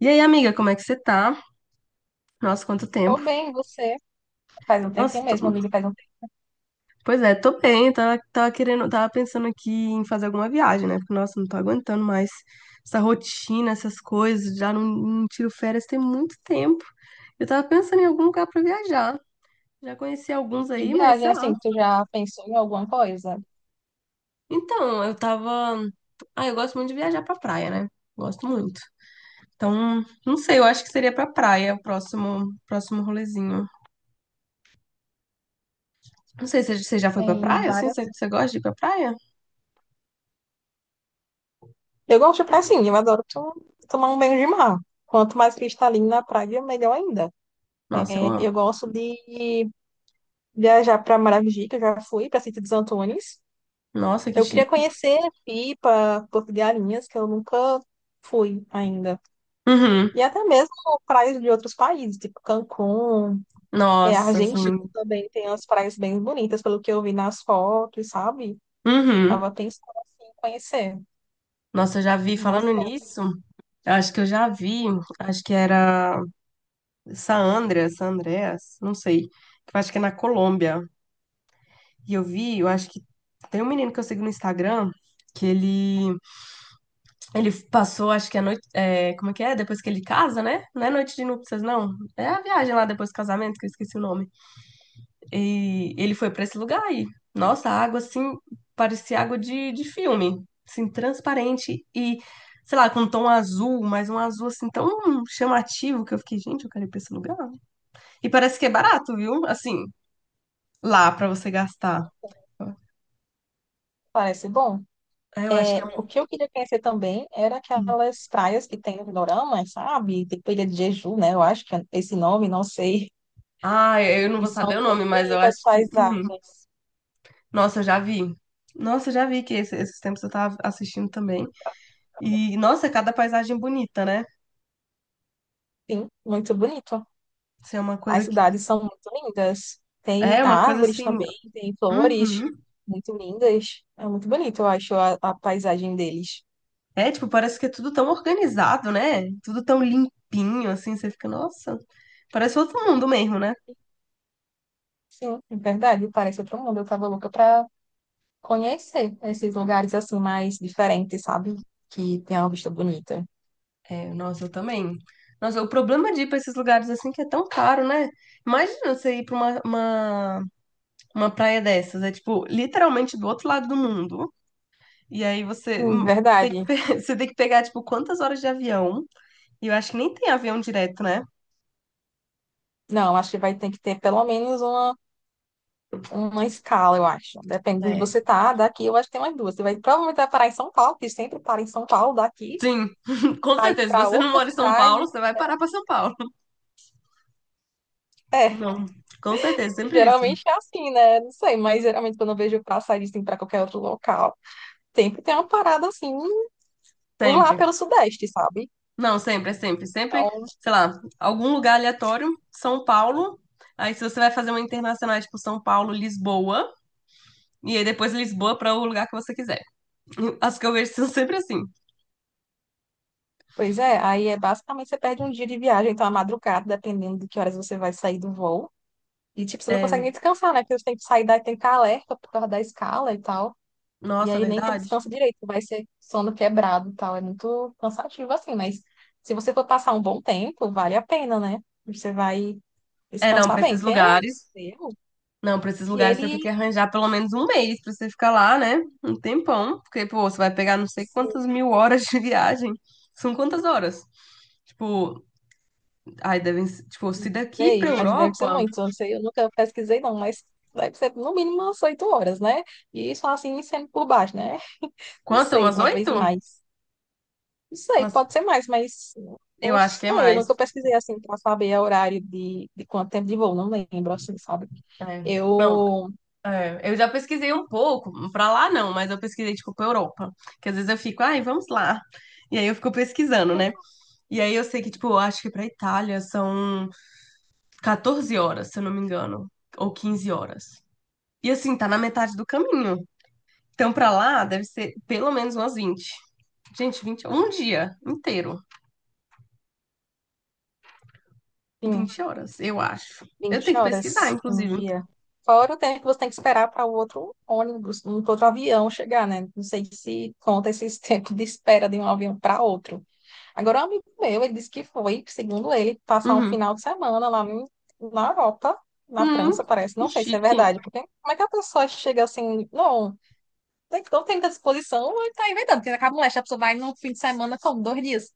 E aí, amiga, como é que você tá? Nossa, quanto Tô tempo. bem, você? Faz um Nossa, tempinho mesmo, amiga, faz um tempo pois é, tô bem. Tava pensando aqui em fazer alguma viagem, né? Porque, nossa, não tô aguentando mais essa rotina, essas coisas. Já não tiro férias tem muito tempo. Eu tava pensando em algum lugar pra viajar. Já conheci alguns de aí, mas viagem, sei lá. assim, tu já pensou em alguma coisa? Então, eu tava. Ah, eu gosto muito de viajar pra praia, né? Gosto muito. Então, não sei, eu acho que seria pra praia o próximo rolezinho. Não sei se você já foi pra Tem praia, assim? Você, várias. você gosta de ir pra praia? Eu gosto de praia, sim, eu adoro tomar um banho de mar. Quanto mais cristalino na praia, melhor ainda. Nossa, eu É, amo. eu gosto de viajar para Maragogi, que eu já fui, para Sítio dos Antônios. Nossa, que Eu queria chique. conhecer Pipa, Porto de Galinhas, que eu nunca fui ainda. Uhum. E até mesmo praias de outros países, tipo Cancún. É, a Nossa, Argentina assim. também tem umas praias bem bonitas, pelo que eu vi nas fotos, sabe? Uhum. Tava pensando assim, em conhecer. Nossa, eu já vi, falando Você nisso, eu acho que eu já vi, acho que era Saandra, Sandreas, não sei, que eu acho que é na Colômbia. E eu vi, eu acho que tem um menino que eu sigo no Instagram, que ele passou, acho que a noite, é, como é que é? Depois que ele casa, né? Não é noite de núpcias, não. É a viagem lá depois do casamento, que eu esqueci o nome. E ele foi pra esse lugar e, nossa, a água assim parecia água de filme, assim, transparente e, sei lá, com um tom azul, mas um azul assim tão chamativo que eu fiquei, gente, eu quero ir pra esse lugar. E parece que é barato, viu? Assim, lá pra você gastar. parece bom. É, eu acho que é. É, o que eu queria conhecer também era um- aquelas praias que tem no Dorama, sabe? Tem Ilha de Jeju, né? Eu acho que é esse nome, não sei. Ah, eu não E vou são saber o nome, bem mas eu bonitas as acho que. Uhum. paisagens. Nossa, eu já vi. Nossa, eu já vi que esses tempos eu tava assistindo também. E, nossa, cada paisagem bonita, né? Sim, muito bonito. Isso é uma As coisa que. cidades são muito lindas. Tem É uma coisa árvores assim. também, tem flores Uhum. muito lindas. É muito bonito, eu acho, a paisagem deles. É, tipo, parece que é tudo tão organizado, né? Tudo tão limpinho, assim, você fica, nossa, parece outro mundo mesmo, né? Sim, é verdade, parece outro mundo. Eu tava louca pra conhecer esses lugares assim mais diferentes, sabe? Que tem uma vista bonita. É, nossa, eu também. Nossa, o problema de ir pra esses lugares assim que é tão caro, né? Imagina você ir pra uma praia dessas, é tipo, literalmente do outro lado do mundo. E aí você Sim, tem que, verdade. Você tem que pegar, tipo, quantas horas de avião? E eu acho que nem tem avião direto, né? Não, acho que vai ter que ter pelo menos uma escala, eu acho. Depende de onde É. você tá, daqui eu acho que tem umas duas. Você vai provavelmente vai parar em São Paulo, que sempre para em São Paulo, daqui, Sim, com aí certeza. Se pra você não outra mora em São Paulo, cidade. você vai parar pra São Paulo. É, Não, com certeza, sempre isso. geralmente é assim, né? Não sei, mas geralmente quando eu vejo passar assim pra qualquer outro local, sempre tem uma parada assim, por lá Sempre. pelo Sudeste, sabe? Não, sempre, é sempre, sempre, Então, sei lá, algum lugar aleatório, São Paulo. Aí se você vai fazer uma internacional, é tipo São Paulo, Lisboa, e aí depois Lisboa para o lugar que você quiser. As que eu vejo são sempre assim. pois é, aí é basicamente você perde um dia de viagem, então a madrugada, dependendo de que horas você vai sair do voo. E tipo, você não É, consegue nem descansar, né? Porque você tem que sair daí, tem que ficar alerta por causa da escala e tal. E nossa, aí nem quando verdade? descansa direito, vai ser sono quebrado e tal. É muito cansativo assim, mas se você for passar um bom tempo, vale a pena, né? Você vai É, não, descansar para bem. esses Tem um amigo lugares. meu Não, para esses e lugares você tem ele, que arranjar pelo menos um mês para você ficar lá, né? Um tempão, porque pô, você vai pegar não sei quantas sim, mil horas de viagem. São quantas horas? Tipo, ai, tipo, se daqui sei, para mas deve ser Europa, muito. Eu não sei, eu nunca pesquisei não, mas deve ser no mínimo umas 8 horas, né? E só assim, sendo por baixo, né? Não quanto? sei, Umas talvez oito? mais. Não sei, Umas pode ser mais, mas Eu não acho que é sei. Eu mais. nunca pesquisei assim para saber o horário de quanto tempo de voo, não lembro, assim, sabe? É. Não, Eu, é, eu já pesquisei um pouco, pra lá não, mas eu pesquisei tipo pra Europa, que às vezes eu fico, ai, vamos lá. E aí eu fico pesquisando, né? E aí eu sei que tipo, eu acho que pra Itália são 14 horas, se eu não me engano, ou 15 horas. E assim, tá na metade do caminho. Então pra lá deve ser pelo menos umas 20. Gente, 20, um dia inteiro, sim, 20 horas, eu acho. Eu 20 tenho que pesquisar, horas um inclusive. dia. Fora o tempo que você tem que esperar para o outro ônibus, um outro avião chegar, né? Não sei se conta esses tempos de espera de um avião para outro. Agora, um amigo meu, ele disse que foi, segundo ele, passar um Uhum. final de semana na Europa, na Hum, França, parece. que Não sei se é chique. verdade, porque como é que a pessoa chega assim, não. Então tem muita disposição, ele tá inventando, porque acaba molesta, a pessoa vai num fim de semana como 2 dias.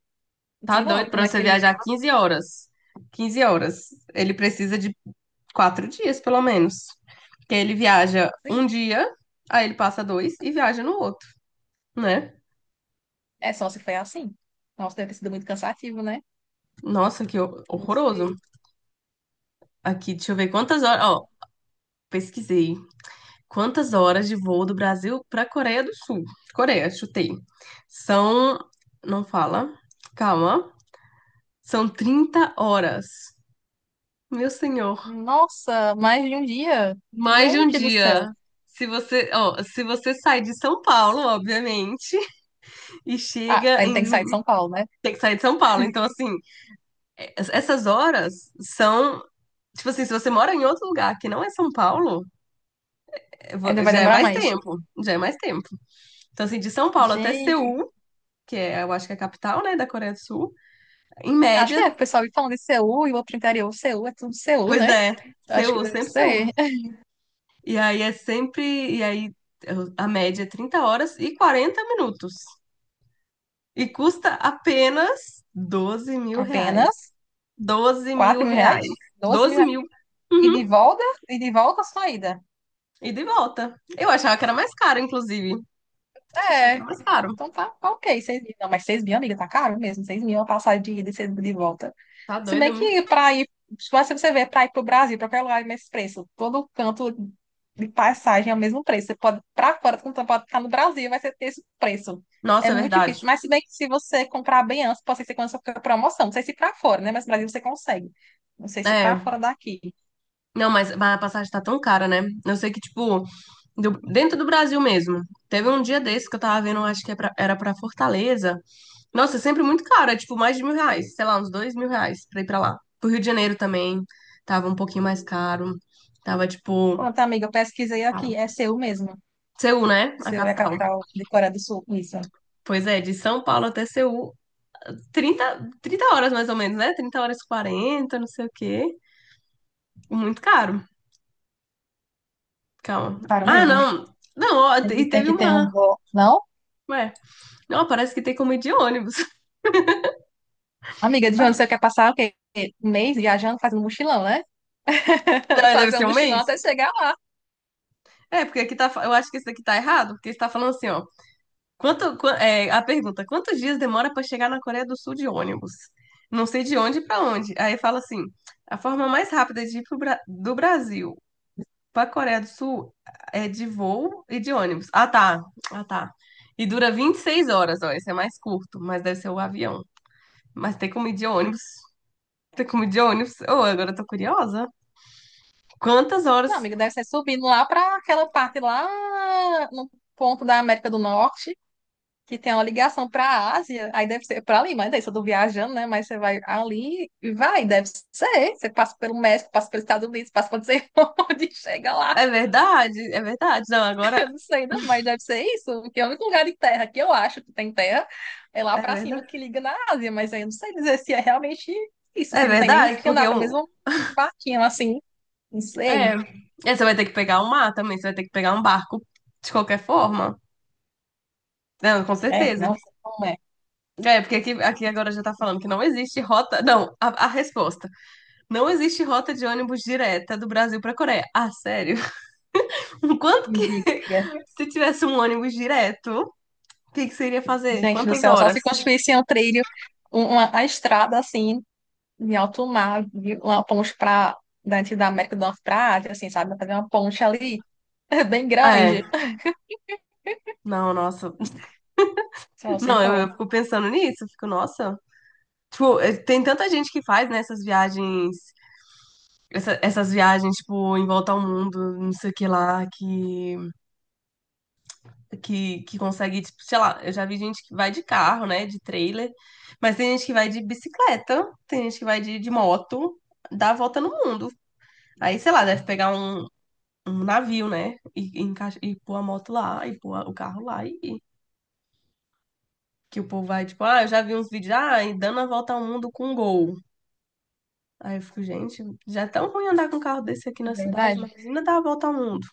Não Tá sei não, doido como pra é você que ele. viajar 15 horas. 15 horas. Ele precisa de quatro dias, pelo menos. Porque ele viaja Sim. um dia, aí ele passa dois e viaja no outro, né? É só se foi assim. Nossa, deve ter sido muito cansativo, né? Nossa, que Não horroroso. sei. Aqui, deixa eu ver quantas horas. Ó, pesquisei. Quantas horas de voo do Brasil pra Coreia do Sul? Coreia, chutei. São. Não fala. Calma. São 30 horas. Meu senhor. Nossa, mais de um dia. Mais de um Gente do céu. dia. Se você, ó, se você sai de São Paulo, obviamente, e Ah, chega ainda em. tem que sair de São Paulo, né? Tem que sair de São Paulo. Então, assim, essas horas são. Tipo assim, se você mora em outro lugar que não é São Paulo, é Ainda vai já é demorar mais mais. tempo. Já é mais tempo. Então, assim, de São Paulo até Gente, Seul, que é, eu acho que é a capital, né, da Coreia do Sul, em acho que média, é, o pessoal falando de Seul e o outro interior. Seul é tudo Seul, pois né? é, Acho que Seul, deve sempre Seul. ser. E aí é sempre. E aí a média é 30 horas e 40 minutos. E custa apenas 12 mil reais. Apenas doze mil 4 mil reais. reais? 12 mil Doze reais. mil. E de Uhum. volta? E de volta a saída. E de volta. Eu achava que era mais caro, inclusive. Achava que É. era mais caro. Então tá, tá ok, 6 mil. Não, mas 6 mil, amiga, tá caro mesmo. Seis mil é uma passagem de ida e 6 mil de volta. Tá Se doida, bem é muito. que pra ir, se você vê pra ir pro Brasil, pra qualquer lugar, é o mesmo preço. Todo canto de passagem é o mesmo preço. Você pode ir pra fora, quando você pode ficar no Brasil, vai ser esse preço. É Nossa, é muito verdade. difícil. Mas se bem que se você comprar bem antes, pode ser que você consiga com promoção. Não sei se pra fora, né? Mas no Brasil você consegue. Não sei se pra É. fora daqui. Não, mas a passagem tá tão cara, né? Eu sei que, tipo, dentro do Brasil mesmo. Teve um dia desse que eu tava vendo, acho que é era pra Fortaleza. Nossa, é sempre muito caro, é tipo mais de mil reais. Sei lá, uns 2 mil reais pra ir pra lá. Pro Rio de Janeiro também. Tava um pouquinho mais caro. Tava, tipo. Pronto, amiga, eu pesquisei aqui. Paulo. É Seul mesmo. Seul, né? A Seul é a capital. capital de Coreia do Sul. Isso. Pois é, de São Paulo até Seul, trinta horas mais ou menos, né? Trinta horas e 40, não sei o quê. Muito caro. Calma. Claro Ah, mesmo. não. Não, ó, A gente e tem teve que ter um uma. bom. Não? Ué, não, parece que tem como ir de ônibus. Amiga, de onde você quer passar o quê? 1 mês viajando, fazendo mochilão, né? Não, deve Fazer ser um um mochilão mês? até chegar lá. É, porque aqui tá. Eu acho que isso aqui tá errado, porque está falando assim, ó. É, a pergunta: quantos dias demora para chegar na Coreia do Sul de ônibus? Não sei de onde para onde. Aí fala assim: a forma mais rápida de ir pro do Brasil pra Coreia do Sul é de voo e de ônibus. Ah, tá. Ah, tá. E dura 26 horas, ó. Esse é mais curto, mas deve ser o avião. Mas tem como ir de ônibus. Tem como ir de ônibus. Oh, agora eu tô curiosa. Quantas Não, horas? amiga, deve ser subindo lá para aquela parte lá no ponto da América do Norte, que tem uma ligação para a Ásia. Aí deve ser para ali, mas daí eu tô viajando, né? Mas você vai ali e vai, deve ser. Você passa pelo México, passa pelos Estados Unidos, passa por não sei onde, chega lá. É verdade, é verdade. Não, agora Eu não sei, não, mas deve ser isso, porque é o único lugar de terra que eu acho que tem terra é lá é pra cima verdade. que liga na Ásia, mas aí eu não sei dizer se é realmente isso, É se não tem nem verdade, que porque andar pra um. mesma barquinha assim, não É. sei. É, você vai ter que pegar um mar também, você vai ter que pegar um barco de qualquer forma. Não, com É, certeza. não sei como é. É, porque aqui, aqui agora já tá falando que não existe rota. Não, a resposta. Não existe rota de ônibus direta do Brasil pra Coreia. Ah, sério? Quanto Me que. diga. Se tivesse um ônibus direto, o que que você iria fazer? Gente do Quantas céu, só horas? se construísse um trilho, a estrada assim, de alto mar, de uma ponte pra, dentro da América do Norte pra Ásia, assim, sabe? Fazer uma ponte ali, bem Ah, grande, é, não, nossa. só se Não, eu for, fico pensando nisso. Eu fico, nossa. Tipo, eh, tem tanta gente que faz, né, essas viagens. Essas viagens, tipo, em volta ao mundo, não sei o que lá, que, consegue, tipo, sei lá, eu já vi gente que vai de carro, né, de trailer, mas tem gente que vai de bicicleta, tem gente que vai de moto, dá a volta no mundo. Aí, sei lá, deve pegar um, um navio, né, e pôr a moto lá, e pôr o carro lá, e que o povo vai, tipo, ah, eu já vi uns vídeos, ah, e dando a volta ao mundo com Gol. Aí eu fico, gente, já é tão ruim andar com um carro desse aqui de na cidade, verdade, mas ainda dá a volta ao mundo.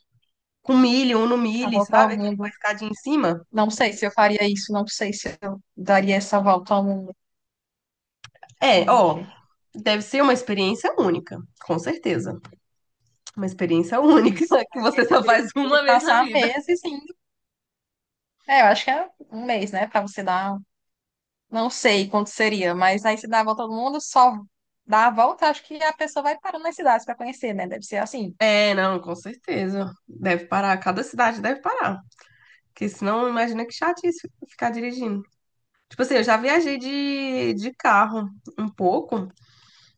Com milho, um no pra milho, voltar ao sabe? Aquele com a mundo. escadinha em cima. Não sei se eu faria isso, não sei se eu daria essa volta ao mundo. É, ó, Gente, deve ser uma experiência única, com certeza. Uma experiência única isso. que Mas aí você você só teria faz que uma vez na passar vida. meses sim. É, eu acho que é 1 mês, né? Pra você dar. Não sei quanto seria, mas aí você dá a volta ao mundo, só dá a volta, acho que a pessoa vai parando nas cidades pra conhecer, né? Deve ser assim. É, não, com certeza. Deve parar, cada cidade deve parar. Porque senão, imagina que chatice ficar dirigindo. Tipo assim, eu já viajei de carro um pouco,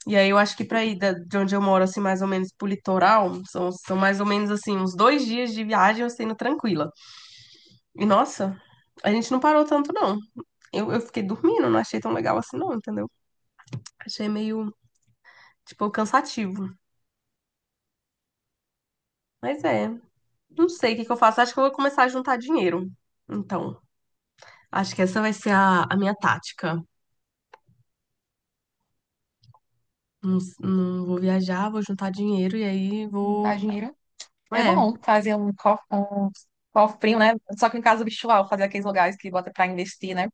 e aí eu acho que pra ir de onde eu moro, assim, mais ou menos pro litoral, são mais ou menos, assim, uns dois dias de viagem eu sendo tranquila. E nossa, a gente não parou tanto, não. Eu fiquei dormindo, não achei tão legal assim, não, entendeu? Achei meio tipo, cansativo. Mas é, não sei o que que eu faço. Acho que eu vou começar a juntar dinheiro. Então, acho que essa vai ser a minha tática. Não, não vou viajar, vou juntar dinheiro e aí Não. Dá vou. dinheiro. É É, bom fazer um cofrinho, né? Só que em casa virtual, fazer aqueles lugares que bota pra investir, né?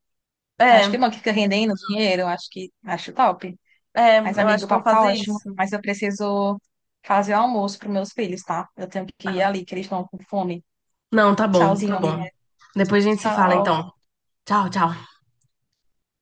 Acho que é, é bom que fica rendendo dinheiro, acho que acho top. é, Mas, eu amigo, acho o que eu vou papo tá fazer ótimo, isso. mas eu preciso fazer o almoço pros meus filhos, tá? Eu tenho que ir Ah, ali, que eles estão com fome. não, tá bom, tá Tchauzinho, amiga. bom. Tchau, Depois a gente se fala, tchau. então. Tchau, tchau.